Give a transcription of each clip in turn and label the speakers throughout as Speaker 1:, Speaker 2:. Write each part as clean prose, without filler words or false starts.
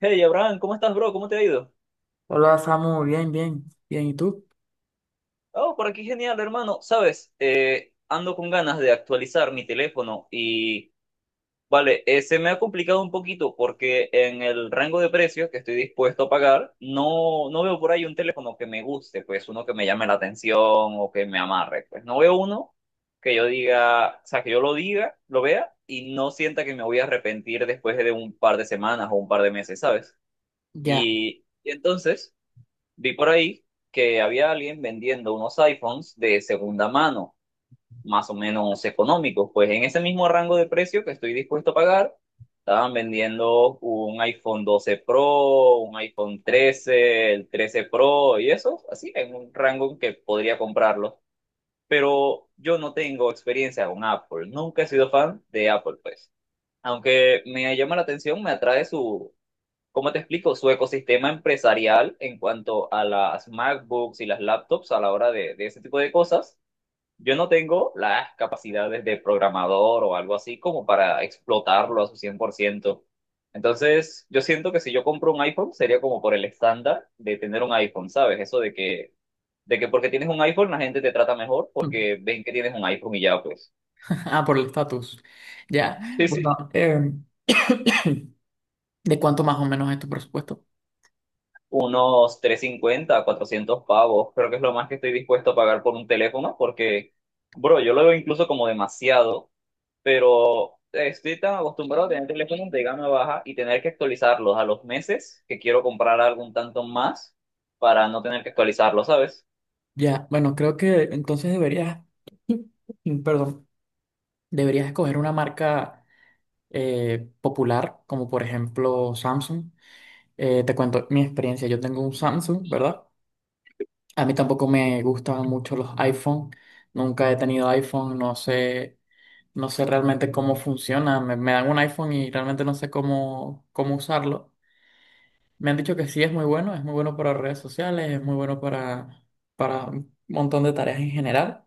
Speaker 1: Hey Abraham, ¿cómo estás, bro? ¿Cómo te ha ido?
Speaker 2: Hola Samu, bien, bien, bien, ¿y tú?
Speaker 1: Oh, por aquí genial, hermano. Sabes, ando con ganas de actualizar mi teléfono y, vale, se me ha complicado un poquito porque en el rango de precios que estoy dispuesto a pagar, no, no veo por ahí un teléfono que me guste, pues uno que me llame la atención o que me amarre. Pues no veo uno que yo diga, o sea, que yo lo diga, lo vea y no sienta que me voy a arrepentir después de un par de semanas o un par de meses, ¿sabes?
Speaker 2: Ya.
Speaker 1: Y entonces. Vi por ahí que había alguien vendiendo unos iPhones de segunda mano, más o menos económicos. Pues en ese mismo rango de precio que estoy dispuesto a pagar, estaban vendiendo un iPhone 12 Pro, un iPhone 13, el 13 Pro y eso, así, en un rango en que podría comprarlo. Pero yo no tengo experiencia con Apple, nunca he sido fan de Apple, pues. Aunque me llama la atención, me atrae su, ¿cómo te explico? Su ecosistema empresarial en cuanto a las MacBooks y las laptops a la hora de, ese tipo de cosas, yo no tengo las capacidades de programador o algo así como para explotarlo a su 100%. Entonces, yo siento que si yo compro un iPhone sería como por el estándar de tener un iPhone, ¿sabes? Eso de que porque tienes un iPhone la gente te trata mejor porque ven que tienes un iPhone y ya pues.
Speaker 2: Ah, por el estatus. Ya.
Speaker 1: Sí,
Speaker 2: Bueno,
Speaker 1: sí,
Speaker 2: ¿de cuánto más o menos es tu presupuesto?
Speaker 1: unos 350 a 400 pavos. Creo que es lo más que estoy dispuesto a pagar por un teléfono porque, bro, yo lo veo incluso como demasiado, pero estoy tan acostumbrado a tener teléfonos de gama baja y tener que actualizarlos a los meses que quiero comprar algún tanto más para no tener que actualizarlos, ¿sabes?
Speaker 2: Ya. Bueno, creo que entonces deberías, perdón, deberías escoger una marca popular, como por ejemplo Samsung. Te cuento mi experiencia. Yo tengo un Samsung, ¿verdad? A mí tampoco me gustan mucho los iPhone. Nunca he tenido iPhone, no sé. No sé realmente cómo funciona. Me dan un iPhone y realmente no sé cómo usarlo. Me han dicho que sí es muy bueno para redes sociales, es muy bueno para un montón de tareas en general.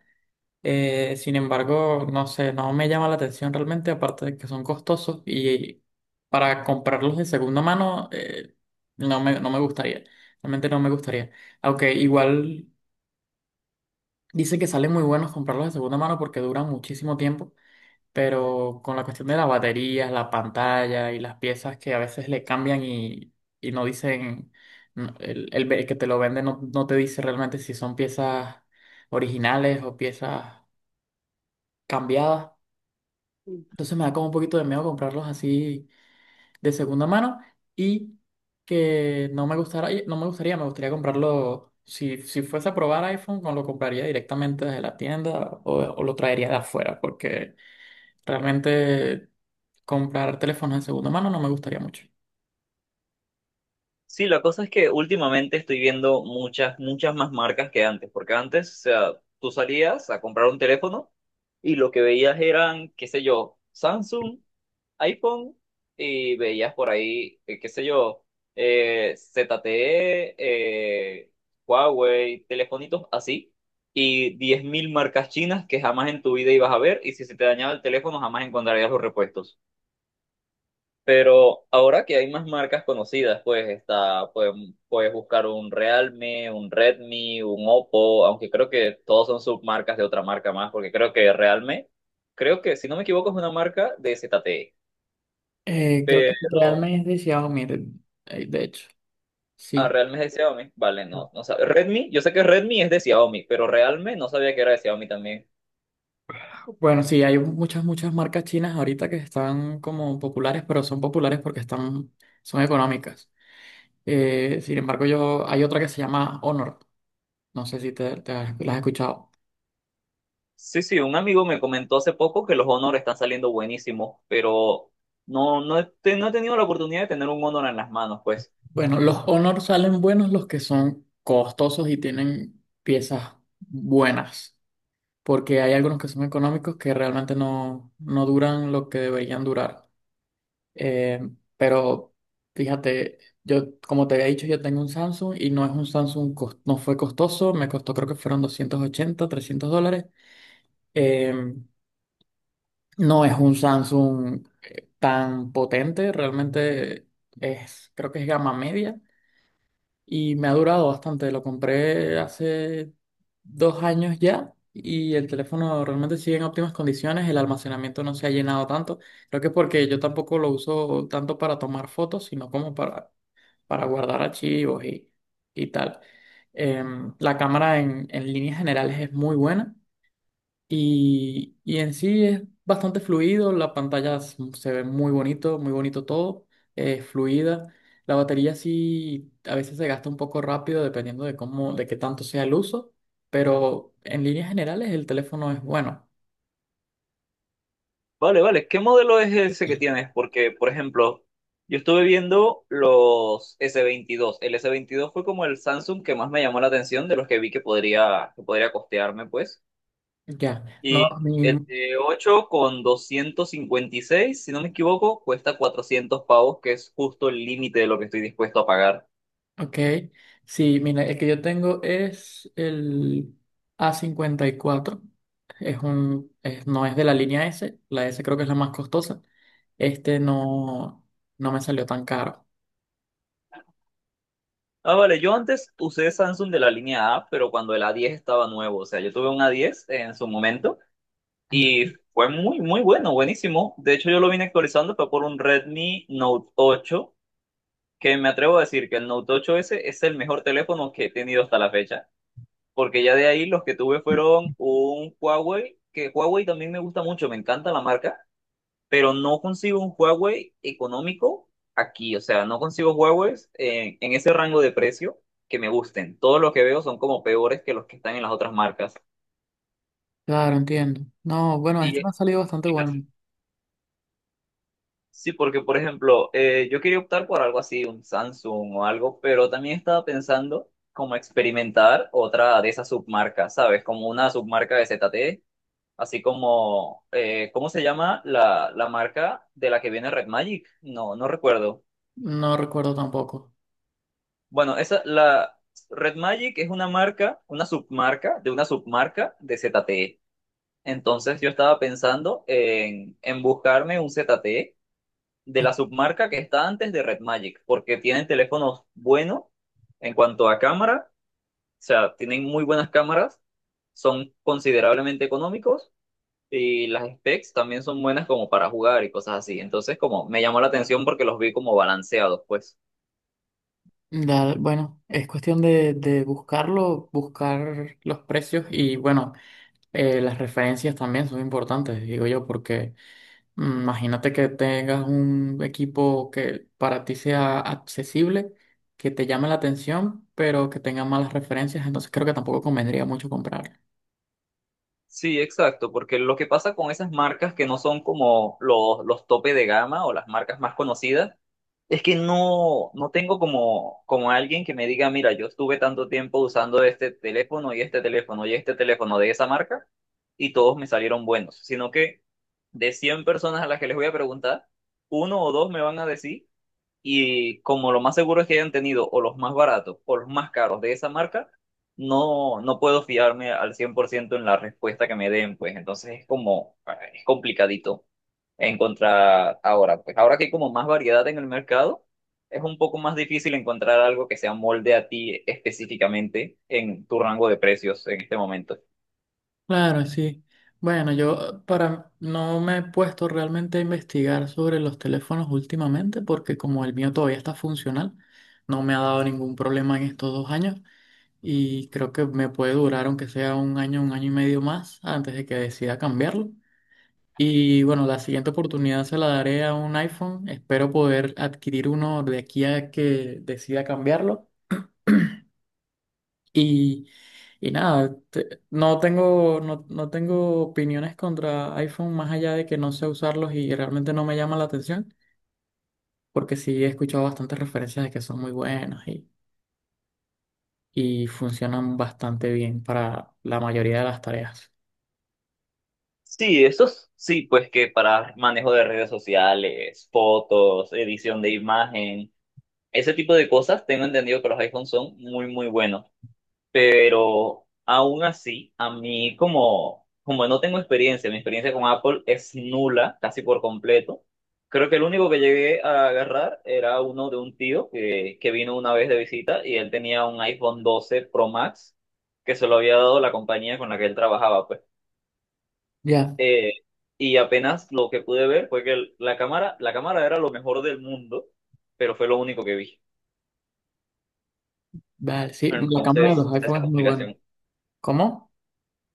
Speaker 2: Sin embargo, no sé, no me llama la atención realmente, aparte de que son costosos y para comprarlos de segunda mano no me gustaría. Realmente no me gustaría. Aunque igual dicen que salen muy buenos comprarlos de segunda mano porque duran muchísimo tiempo, pero con la cuestión de las baterías, la pantalla y las piezas que a veces le cambian y no dicen, no, el, el que te lo vende no te dice realmente si son piezas originales o piezas cambiadas. Entonces me da como un poquito de miedo comprarlos así de segunda mano y que no me gustara, no me gustaría, me gustaría comprarlo. Si fuese a probar iPhone, no lo compraría directamente desde la tienda o lo traería de afuera, porque realmente comprar teléfonos de segunda mano no me gustaría mucho.
Speaker 1: Sí, la cosa es que últimamente estoy viendo muchas, muchas más marcas que antes, porque antes, o sea, tú salías a comprar un teléfono y lo que veías eran, qué sé yo, Samsung, iPhone, y veías por ahí, qué sé yo, ZTE, eh, Huawei, telefonitos así, y 10.000 marcas chinas que jamás en tu vida ibas a ver, y si se te dañaba el teléfono jamás encontrarías los repuestos. Pero ahora que hay más marcas conocidas, pues puedes buscar un Realme, un Redmi, un Oppo, aunque creo que todos son submarcas de otra marca más, porque creo que Realme, creo que si no me equivoco es una marca de ZTE.
Speaker 2: Creo
Speaker 1: Pero
Speaker 2: que realmente es de Xiaomi, de hecho.
Speaker 1: Ah,
Speaker 2: Sí.
Speaker 1: Realme es de Xiaomi. Vale, no, no sabía. Redmi, yo sé que Redmi es de Xiaomi, pero Realme no sabía que era de Xiaomi también.
Speaker 2: Bueno, sí, hay muchas, muchas marcas chinas ahorita que están como populares, pero son populares porque están, son económicas. Sin embargo, yo, hay otra que se llama Honor. No sé si la has escuchado.
Speaker 1: Sí, sí, un amigo me comentó hace poco que los Honor están saliendo buenísimos, pero no he tenido la oportunidad de tener un Honor en las manos, pues.
Speaker 2: Bueno, los Honor salen buenos los que son costosos y tienen piezas buenas, porque hay algunos que son económicos que realmente no duran lo que deberían durar. Eh, pero fíjate, yo como te había dicho, yo tengo un Samsung y no es un Samsung, no fue costoso, me costó creo que fueron 280, 300 dólares. Eh, no es un Samsung tan potente, realmente es, creo que es gama media, y me ha durado bastante. Lo compré hace 2 años ya y el teléfono realmente sigue en óptimas condiciones. El almacenamiento no se ha llenado tanto. Creo que es porque yo tampoco lo uso tanto para tomar fotos, sino como para guardar archivos y tal. La cámara en líneas generales es muy buena. Y, en sí es bastante fluido, la pantalla se ve muy bonito todo, es fluida. La batería sí a veces se gasta un poco rápido dependiendo de cómo, de qué tanto sea el uso, pero en líneas generales el teléfono es bueno.
Speaker 1: Vale, vale, ¿qué modelo es ese que tienes? Porque, por ejemplo, yo estuve viendo los S22. El S22 fue como el Samsung que más me llamó la atención de los que vi que podría, costearme, pues.
Speaker 2: Ya, no,
Speaker 1: Y
Speaker 2: mi,
Speaker 1: el de 8 con 256 si no me equivoco, cuesta 400 pavos, que es justo el límite de lo que estoy dispuesto a pagar.
Speaker 2: ok, sí, mira, el que yo tengo es el A54. No es de la línea S, la S creo que es la más costosa. Este no, no me salió tan caro.
Speaker 1: Ah, vale, yo antes usé Samsung de la línea A, pero cuando el A10 estaba nuevo, o sea, yo tuve un A10 en su momento y
Speaker 2: Mm.
Speaker 1: fue muy, muy bueno, buenísimo. De hecho, yo lo vine actualizando, fue por un Redmi Note 8 que me atrevo a decir que el Note 8s es el mejor teléfono que he tenido hasta la fecha, porque ya de ahí los que tuve fueron un Huawei, que Huawei también me gusta mucho, me encanta la marca, pero no consigo un Huawei económico aquí, o sea, no consigo Huawei en ese rango de precio que me gusten. Todos los que veo son como peores que los que están en las otras marcas.
Speaker 2: Claro, entiendo. No, bueno, este
Speaker 1: Y
Speaker 2: me ha salido bastante bueno.
Speaker 1: Sí, porque por ejemplo, yo quería optar por algo así, un Samsung o algo, pero también estaba pensando como experimentar otra de esas submarcas, ¿sabes? Como una submarca de ZTE. Así como, ¿cómo se llama la, marca de la que viene Red Magic? No, no recuerdo.
Speaker 2: No recuerdo tampoco.
Speaker 1: Bueno, la Red Magic es una marca, una submarca de ZTE. Entonces yo estaba pensando en buscarme un ZTE de la submarca que está antes de Red Magic, porque tienen teléfonos buenos en cuanto a cámara, o sea, tienen muy buenas cámaras, son considerablemente económicos. Y las specs también son buenas como para jugar y cosas así. Entonces, como me llamó la atención porque los vi como balanceados, pues.
Speaker 2: Dale, bueno, es cuestión de, buscarlo, buscar los precios y bueno, las referencias también son importantes, digo yo, porque… mm, imagínate que tengas un equipo que para ti sea accesible, que te llame la atención, pero que tenga malas referencias. Entonces creo que tampoco convendría mucho comprarlo.
Speaker 1: Sí, exacto, porque lo que pasa con esas marcas que no son como los, tope de gama o las marcas más conocidas, es que no, no tengo como alguien que me diga, mira, yo estuve tanto tiempo usando este teléfono y este teléfono y este teléfono de esa marca y todos me salieron buenos, sino que de 100 personas a las que les voy a preguntar, uno o dos me van a decir. Y como lo más seguro es que hayan tenido o los más baratos o los más caros de esa marca, no, no puedo fiarme al 100% en la respuesta que me den, pues entonces es como, ah, es complicadito encontrar ahora. Pues ahora que hay como más variedad en el mercado, es un poco más difícil encontrar algo que se molde a ti específicamente en tu rango de precios en este momento.
Speaker 2: Claro, sí. Bueno, yo para no me he puesto realmente a investigar sobre los teléfonos últimamente porque como el mío todavía está funcional, no me ha dado ningún problema en estos 2 años, y creo que me puede durar aunque sea un año y medio más antes de que decida cambiarlo. Y bueno, la siguiente oportunidad se la daré a un iPhone. Espero poder adquirir uno de aquí a que decida cambiarlo. Y, y nada, no tengo, no tengo opiniones contra iPhone más allá de que no sé usarlos y realmente no me llama la atención, porque sí he escuchado bastantes referencias de que son muy buenos y funcionan bastante bien para la mayoría de las tareas.
Speaker 1: Sí, esos sí, pues que para manejo de redes sociales, fotos, edición de imagen. Ese tipo de cosas, tengo entendido que los iPhones son muy, muy buenos, pero aún así, a mí como, no tengo experiencia, mi experiencia con Apple es nula, casi por completo. Creo que el único que llegué a agarrar era uno de un tío que vino una vez de visita y él tenía un iPhone 12 Pro Max que se lo había dado la compañía con la que él trabajaba, pues.
Speaker 2: Ya,
Speaker 1: Eh, y apenas lo que pude ver fue que la cámara era lo mejor del mundo, pero fue lo único que vi.
Speaker 2: vale, sí, la cámara de
Speaker 1: Entonces,
Speaker 2: los
Speaker 1: está esa
Speaker 2: iPhones es muy buena.
Speaker 1: complicación.
Speaker 2: ¿Cómo?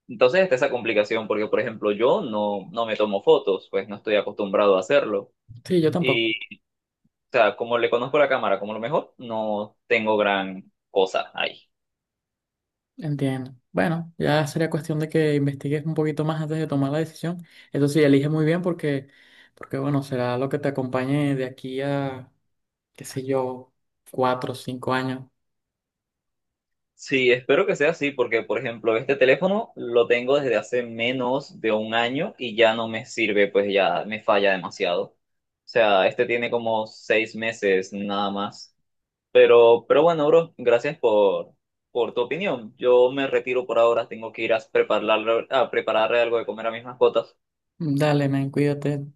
Speaker 1: Entonces, está esa complicación porque, por ejemplo, yo no, no me tomo fotos, pues no estoy acostumbrado a hacerlo.
Speaker 2: Sí, yo tampoco.
Speaker 1: Y, o sea, como le conozco la cámara como lo mejor, no tengo gran cosa ahí.
Speaker 2: Entiendo. Bueno, ya sería cuestión de que investigues un poquito más antes de tomar la decisión. Eso sí, elige muy bien porque, porque bueno, será lo que te acompañe de aquí a, qué sé yo, 4 o 5 años.
Speaker 1: Sí, espero que sea así porque, por ejemplo, este teléfono lo tengo desde hace menos de un año y ya no me sirve, pues ya me falla demasiado. O sea, este tiene como 6 meses nada más. Pero bueno, bro, gracias por, tu opinión. Yo me retiro por ahora, tengo que ir a prepararle algo de comer a mis mascotas.
Speaker 2: Dale, men, cuídate.